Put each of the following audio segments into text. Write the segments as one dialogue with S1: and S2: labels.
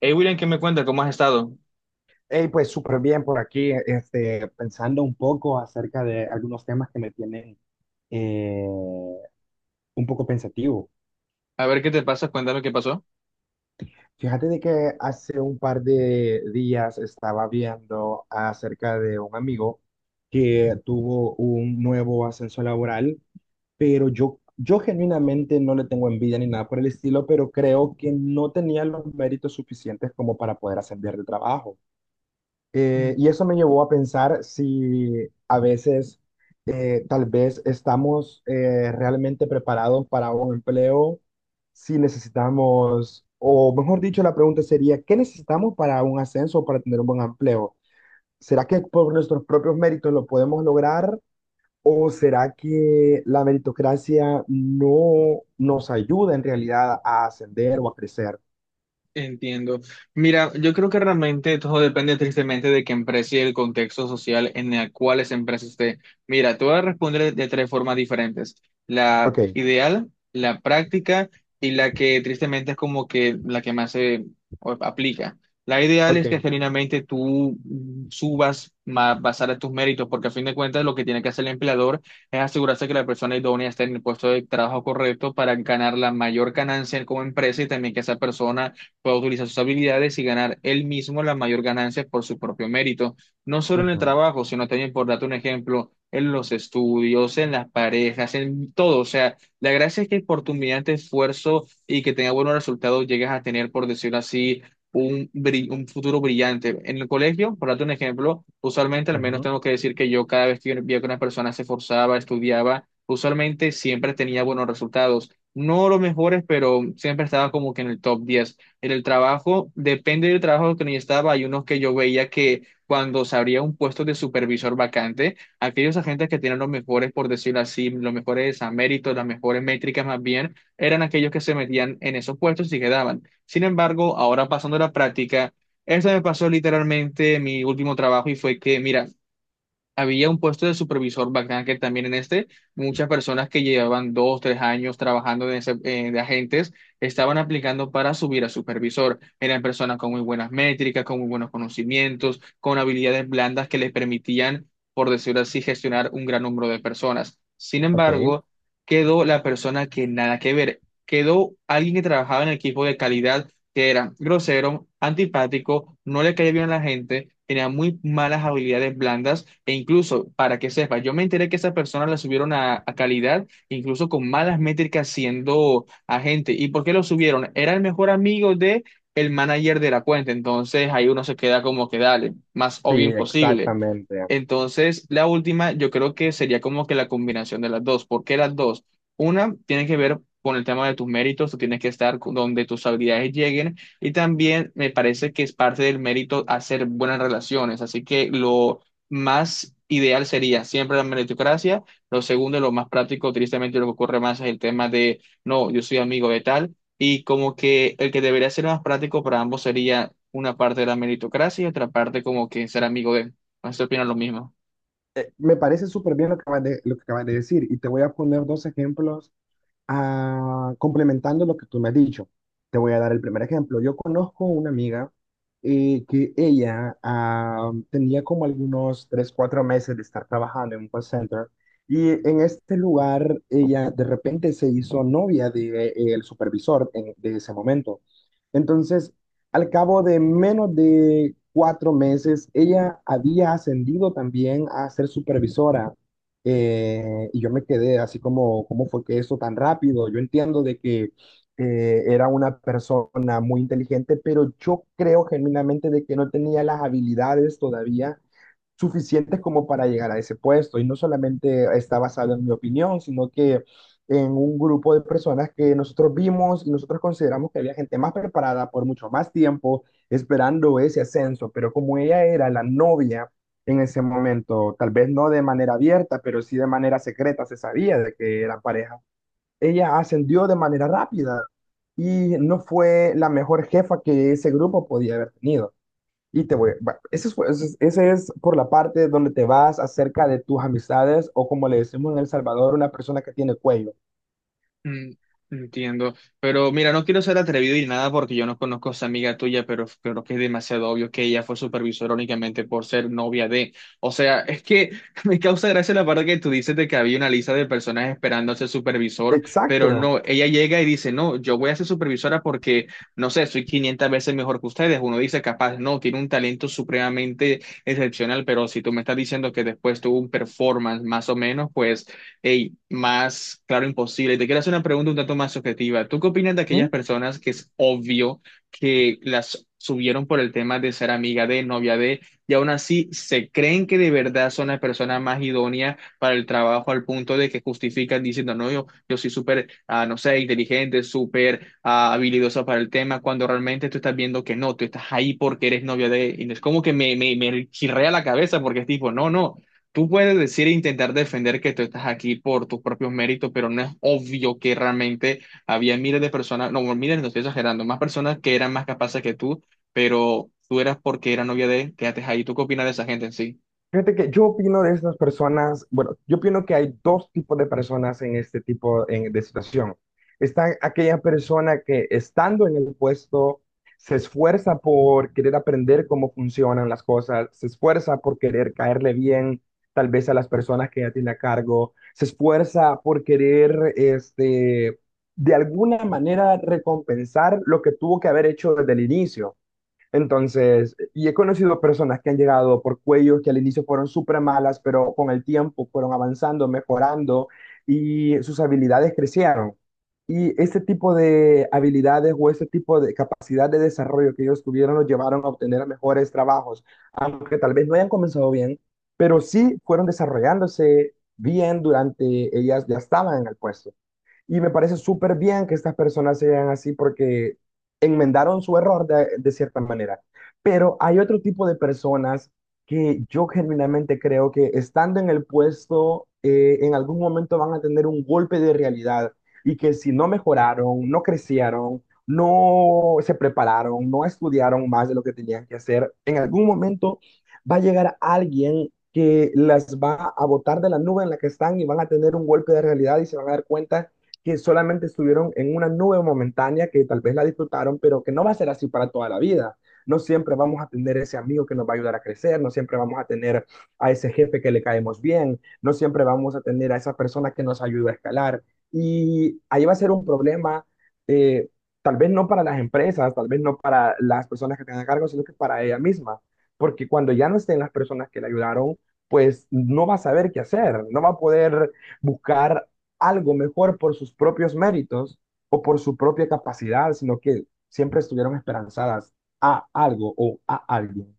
S1: Hey William, ¿qué me cuenta? ¿Cómo has estado?
S2: Hey, pues súper bien por aquí, este, pensando un poco acerca de algunos temas que me tienen eh, un poco pensativo.
S1: A ver qué te pasa, cuéntame qué pasó.
S2: Fíjate de que hace un par de días estaba viendo acerca de un amigo que tuvo un nuevo ascenso laboral, pero yo genuinamente no le tengo envidia ni nada por el estilo, pero creo que no tenía los méritos suficientes como para poder ascender de trabajo. Y eso me llevó a pensar si a veces tal vez estamos realmente preparados para un empleo, si necesitamos, o mejor dicho, la pregunta sería, ¿qué necesitamos para un ascenso o para tener un buen empleo? ¿Será que por nuestros propios méritos lo podemos lograr o será que la meritocracia no nos ayuda en realidad a ascender o a crecer?
S1: Entiendo. Mira, yo creo que realmente todo depende tristemente de qué empresa y el contexto social en el cual esa empresa esté. Mira, te voy a responder de tres formas diferentes. La
S2: Ok,
S1: ideal, la práctica y la que tristemente es como que la que más se aplica. La ideal
S2: ok,
S1: es que genuinamente tú subas más basada en tus méritos, porque a fin de cuentas lo que tiene que hacer el empleador es asegurarse que la persona idónea esté en el puesto de trabajo correcto para ganar la mayor ganancia como empresa y también que esa persona pueda utilizar sus habilidades y ganar él mismo las mayor ganancias por su propio mérito, no solo en el
S2: ujú,
S1: trabajo, sino también, por darte un ejemplo, en los estudios, en las parejas, en todo. O sea, la gracia es que por tu mediante esfuerzo y que tenga buenos resultados, llegas a tener, por decirlo así, un futuro brillante. En el colegio, por darte un ejemplo, usualmente, al menos
S2: ujú,
S1: tengo que decir que yo cada vez que veía que una persona se esforzaba, estudiaba, usualmente siempre tenía buenos resultados. No los mejores, pero siempre estaba como que en el top 10 en el trabajo, depende del trabajo que yo estaba, hay unos que yo veía que cuando se abría un puesto de supervisor vacante, aquellos agentes que tenían los mejores, por decirlo así, los mejores a méritos, las mejores métricas más bien, eran aquellos que se metían en esos puestos y quedaban. Sin embargo, ahora pasando a la práctica, eso me pasó literalmente en mi último trabajo y fue que, mira, había un puesto de supervisor bacán que también en este, muchas personas que llevaban dos, tres años trabajando de agentes estaban aplicando para subir a supervisor. Eran personas con muy buenas métricas, con muy buenos conocimientos, con habilidades blandas que les permitían, por decirlo así, gestionar un gran número de personas. Sin
S2: ok,
S1: embargo, quedó la persona que nada que ver. Quedó alguien que trabajaba en el equipo de calidad que era grosero, antipático, no le caía bien a la gente, tenía muy malas habilidades blandas e incluso, para que sepa, yo me enteré que esa persona la subieron a calidad, incluso con malas métricas siendo agente. ¿Y por qué lo subieron? Era el mejor amigo de el manager de la cuenta, entonces ahí uno se queda como que dale, más
S2: sí,
S1: obvio imposible.
S2: exactamente.
S1: Entonces, la última, yo creo que sería como que la combinación de las dos. ¿Por qué las dos? Una tiene que ver con el tema de tus méritos, tú tienes que estar donde tus habilidades lleguen y también me parece que es parte del mérito hacer buenas relaciones, así que lo más ideal sería siempre la meritocracia, lo segundo, lo más práctico, tristemente lo que ocurre más es el tema de, no, yo soy amigo de tal y como que el que debería ser más práctico para ambos sería una parte de la meritocracia y otra parte como que ser amigo de, no sé opina lo mismo.
S2: Me parece súper bien lo lo que acabas de decir y te voy a poner dos ejemplos. Ah, complementando lo que tú me has dicho, te voy a dar el primer ejemplo. Yo conozco una amiga que ella tenía como algunos 3, 4 meses de estar trabajando en un call center y en este lugar ella de repente se hizo novia de, el de ese momento. Entonces, al cabo de menos de cuatro meses, ella había ascendido también a ser supervisora, y yo me quedé así como, ¿cómo fue que eso tan rápido? Yo entiendo de que era una persona muy inteligente, pero yo creo genuinamente de que no tenía las habilidades todavía suficientes como para llegar a ese puesto. Y no solamente está basado en mi opinión, sino que en un grupo de personas que nosotros vimos y nosotros consideramos que había gente más preparada por mucho más tiempo esperando ese ascenso, pero como ella era la novia en ese momento, tal vez no de manera abierta, pero sí de manera secreta, se sabía de que era pareja. Ella ascendió de manera rápida y no fue la mejor jefa que ese grupo podía haber tenido. Y ese es por la parte donde te vas acerca de tus amistades o como le decimos en El Salvador, una persona que tiene cuello.
S1: Mm, Entiendo, pero mira, no quiero ser atrevido y nada porque yo no conozco a esa amiga tuya, pero creo que es demasiado obvio que ella fue supervisora únicamente por ser novia de. O sea, es que me causa gracia la parte que tú dices de que había una lista de personas esperando a ser supervisor, pero
S2: Exacto.
S1: no, ella llega y dice, no, yo voy a ser supervisora porque, no sé, soy 500 veces mejor que ustedes. Uno dice, capaz, no, tiene un talento supremamente excepcional, pero si tú me estás diciendo que después tuvo un performance más o menos, pues... Hey, más claro imposible. Y te quiero hacer una pregunta un tanto más subjetiva. ¿Tú qué opinas de aquellas personas que es obvio que las subieron por el tema de ser amiga de, novia de, y aún así se creen que de verdad son las personas más idóneas para el trabajo al punto de que justifican diciendo, no, yo soy súper, no sé, inteligente, súper habilidosa para el tema, cuando realmente tú estás viendo que no, tú estás ahí porque eres novia de, y no es como que me chirrea la cabeza porque es tipo, no, no. Tú puedes decir e intentar defender que tú estás aquí por tus propios méritos, pero no es obvio que realmente había miles de personas, no, bueno, miles, no estoy exagerando, más personas que eran más capaces que tú, pero tú eras porque era novia de, quédate ahí. ¿Tú qué opinas de esa gente en sí?
S2: Fíjate que yo opino de estas personas, bueno, yo opino que hay dos tipos de personas en este de situación. Está aquella persona que estando en el puesto se esfuerza por querer aprender cómo funcionan las cosas, se esfuerza por querer caerle bien tal vez a las personas que ya tiene a cargo, se esfuerza por querer este, de alguna manera recompensar lo que tuvo que haber hecho desde el inicio. Entonces, y he conocido personas que han llegado por cuellos que al inicio fueron súper malas, pero con el tiempo fueron avanzando, mejorando y sus habilidades crecieron. Y ese tipo de habilidades o ese tipo de capacidad de desarrollo que ellos tuvieron los llevaron a obtener mejores trabajos, aunque tal vez no hayan comenzado bien, pero sí fueron desarrollándose bien durante ellas ya estaban en el puesto. Y me parece súper bien que estas personas sean así porque enmendaron su error de cierta manera. Pero hay otro tipo de personas que yo genuinamente creo que estando en el puesto, en algún momento van a tener un golpe de realidad y que si no mejoraron, no crecieron, no se prepararon, no estudiaron más de lo que tenían que hacer, en algún momento va a llegar alguien que las va a botar de la nube en la que están y van a tener un golpe de realidad y se van a dar cuenta que solamente estuvieron en una nube momentánea que tal vez la disfrutaron, pero que no va a ser así para toda la vida. No siempre vamos a tener ese amigo que nos va a ayudar a crecer, no siempre vamos a tener a ese jefe que le caemos bien, no siempre vamos a tener a esa persona que nos ayuda a escalar. Y ahí va a ser un problema, eh, tal vez no para las empresas, tal vez no para las personas que tengan a cargo, sino que para ella misma. Porque cuando ya no estén las personas que le ayudaron, pues no va a saber qué hacer, no va a poder buscar algo mejor por sus propios méritos o por su propia capacidad, sino que siempre estuvieron esperanzadas a algo o a alguien.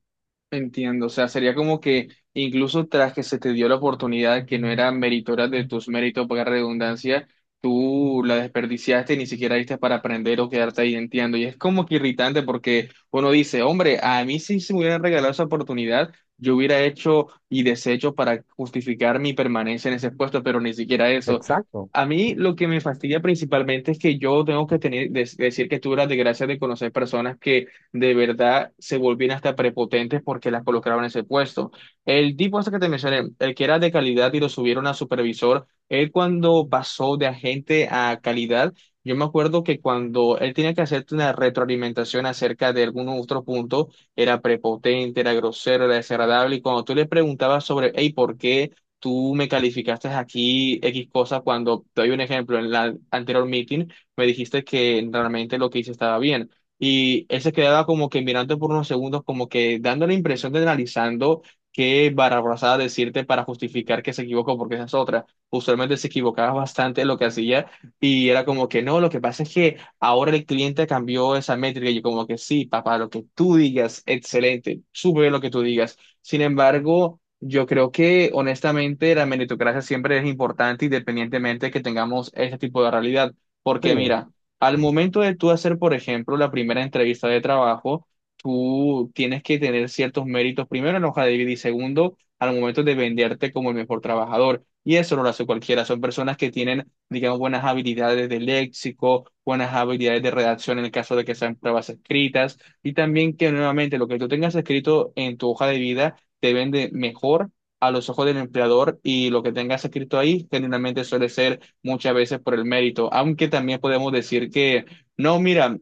S1: Entiendo, o sea, sería como que incluso tras que se te dio la oportunidad que no era meritoria de tus méritos, para redundancia, tú la desperdiciaste y ni siquiera diste para aprender o quedarte ahí, entiendo. Y es como que irritante porque uno dice, hombre, a mí sí se me hubiera regalado esa oportunidad, yo hubiera hecho y deshecho para justificar mi permanencia en ese puesto, pero ni siquiera eso.
S2: Exacto.
S1: A mí lo que me fastidia principalmente es que yo tengo que tener, decir que tuve la desgracia de conocer personas que de verdad se volvían hasta prepotentes porque las colocaban en ese puesto. El tipo este que te mencioné, el que era de calidad y lo subieron a supervisor, él cuando pasó de agente a calidad, yo me acuerdo que cuando él tenía que hacerte una retroalimentación acerca de algún otro punto, era prepotente, era grosero, era desagradable, y cuando tú le preguntabas sobre, hey, ¿por qué? Tú me calificaste aquí X cosa cuando te doy un ejemplo en la anterior meeting, me dijiste que realmente lo que hice estaba bien y él se quedaba como que mirando por unos segundos, como que dando la impresión de analizando qué barrabasada decirte para justificar que se equivocó, porque esa es otra. Usualmente se equivocaba bastante en lo que hacía y era como que no, lo que pasa es que ahora el cliente cambió esa métrica y yo como que sí, papá, lo que tú digas, excelente, súper bien lo que tú digas. Sin embargo... Yo creo que honestamente la meritocracia siempre es importante independientemente que tengamos este tipo de realidad,
S2: Sí,
S1: porque mira, al momento de tú hacer, por ejemplo, la primera entrevista de trabajo, tú tienes que tener ciertos méritos, primero en la hoja de vida y segundo, al momento de venderte como el mejor trabajador. Y eso no lo hace cualquiera. Son personas que tienen, digamos, buenas habilidades de léxico, buenas habilidades de redacción en el caso de que sean pruebas escritas. Y también que nuevamente lo que tú tengas escrito en tu hoja de vida te vende mejor a los ojos del empleador y lo que tengas escrito ahí generalmente suele ser muchas veces por el mérito, aunque también podemos decir que, no, mira,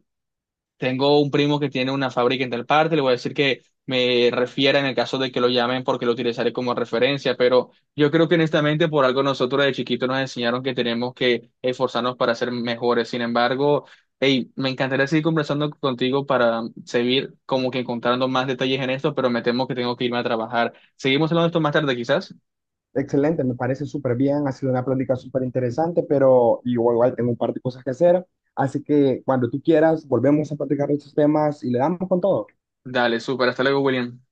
S1: tengo un primo que tiene una fábrica en tal parte, le voy a decir que me refiera en el caso de que lo llamen porque lo utilizaré como referencia, pero yo creo que honestamente por algo nosotros de chiquitos nos enseñaron que tenemos que esforzarnos para ser mejores, sin embargo... Hey, me encantaría seguir conversando contigo para seguir como que encontrando más detalles en esto, pero me temo que tengo que irme a trabajar. Seguimos hablando de esto más tarde, quizás.
S2: excelente, me parece súper bien, ha sido una plática súper interesante, pero igual, igual tengo un par de cosas que hacer, así que cuando tú quieras, volvemos a platicar de estos temas y le damos con todo.
S1: Dale, súper. Hasta luego, William.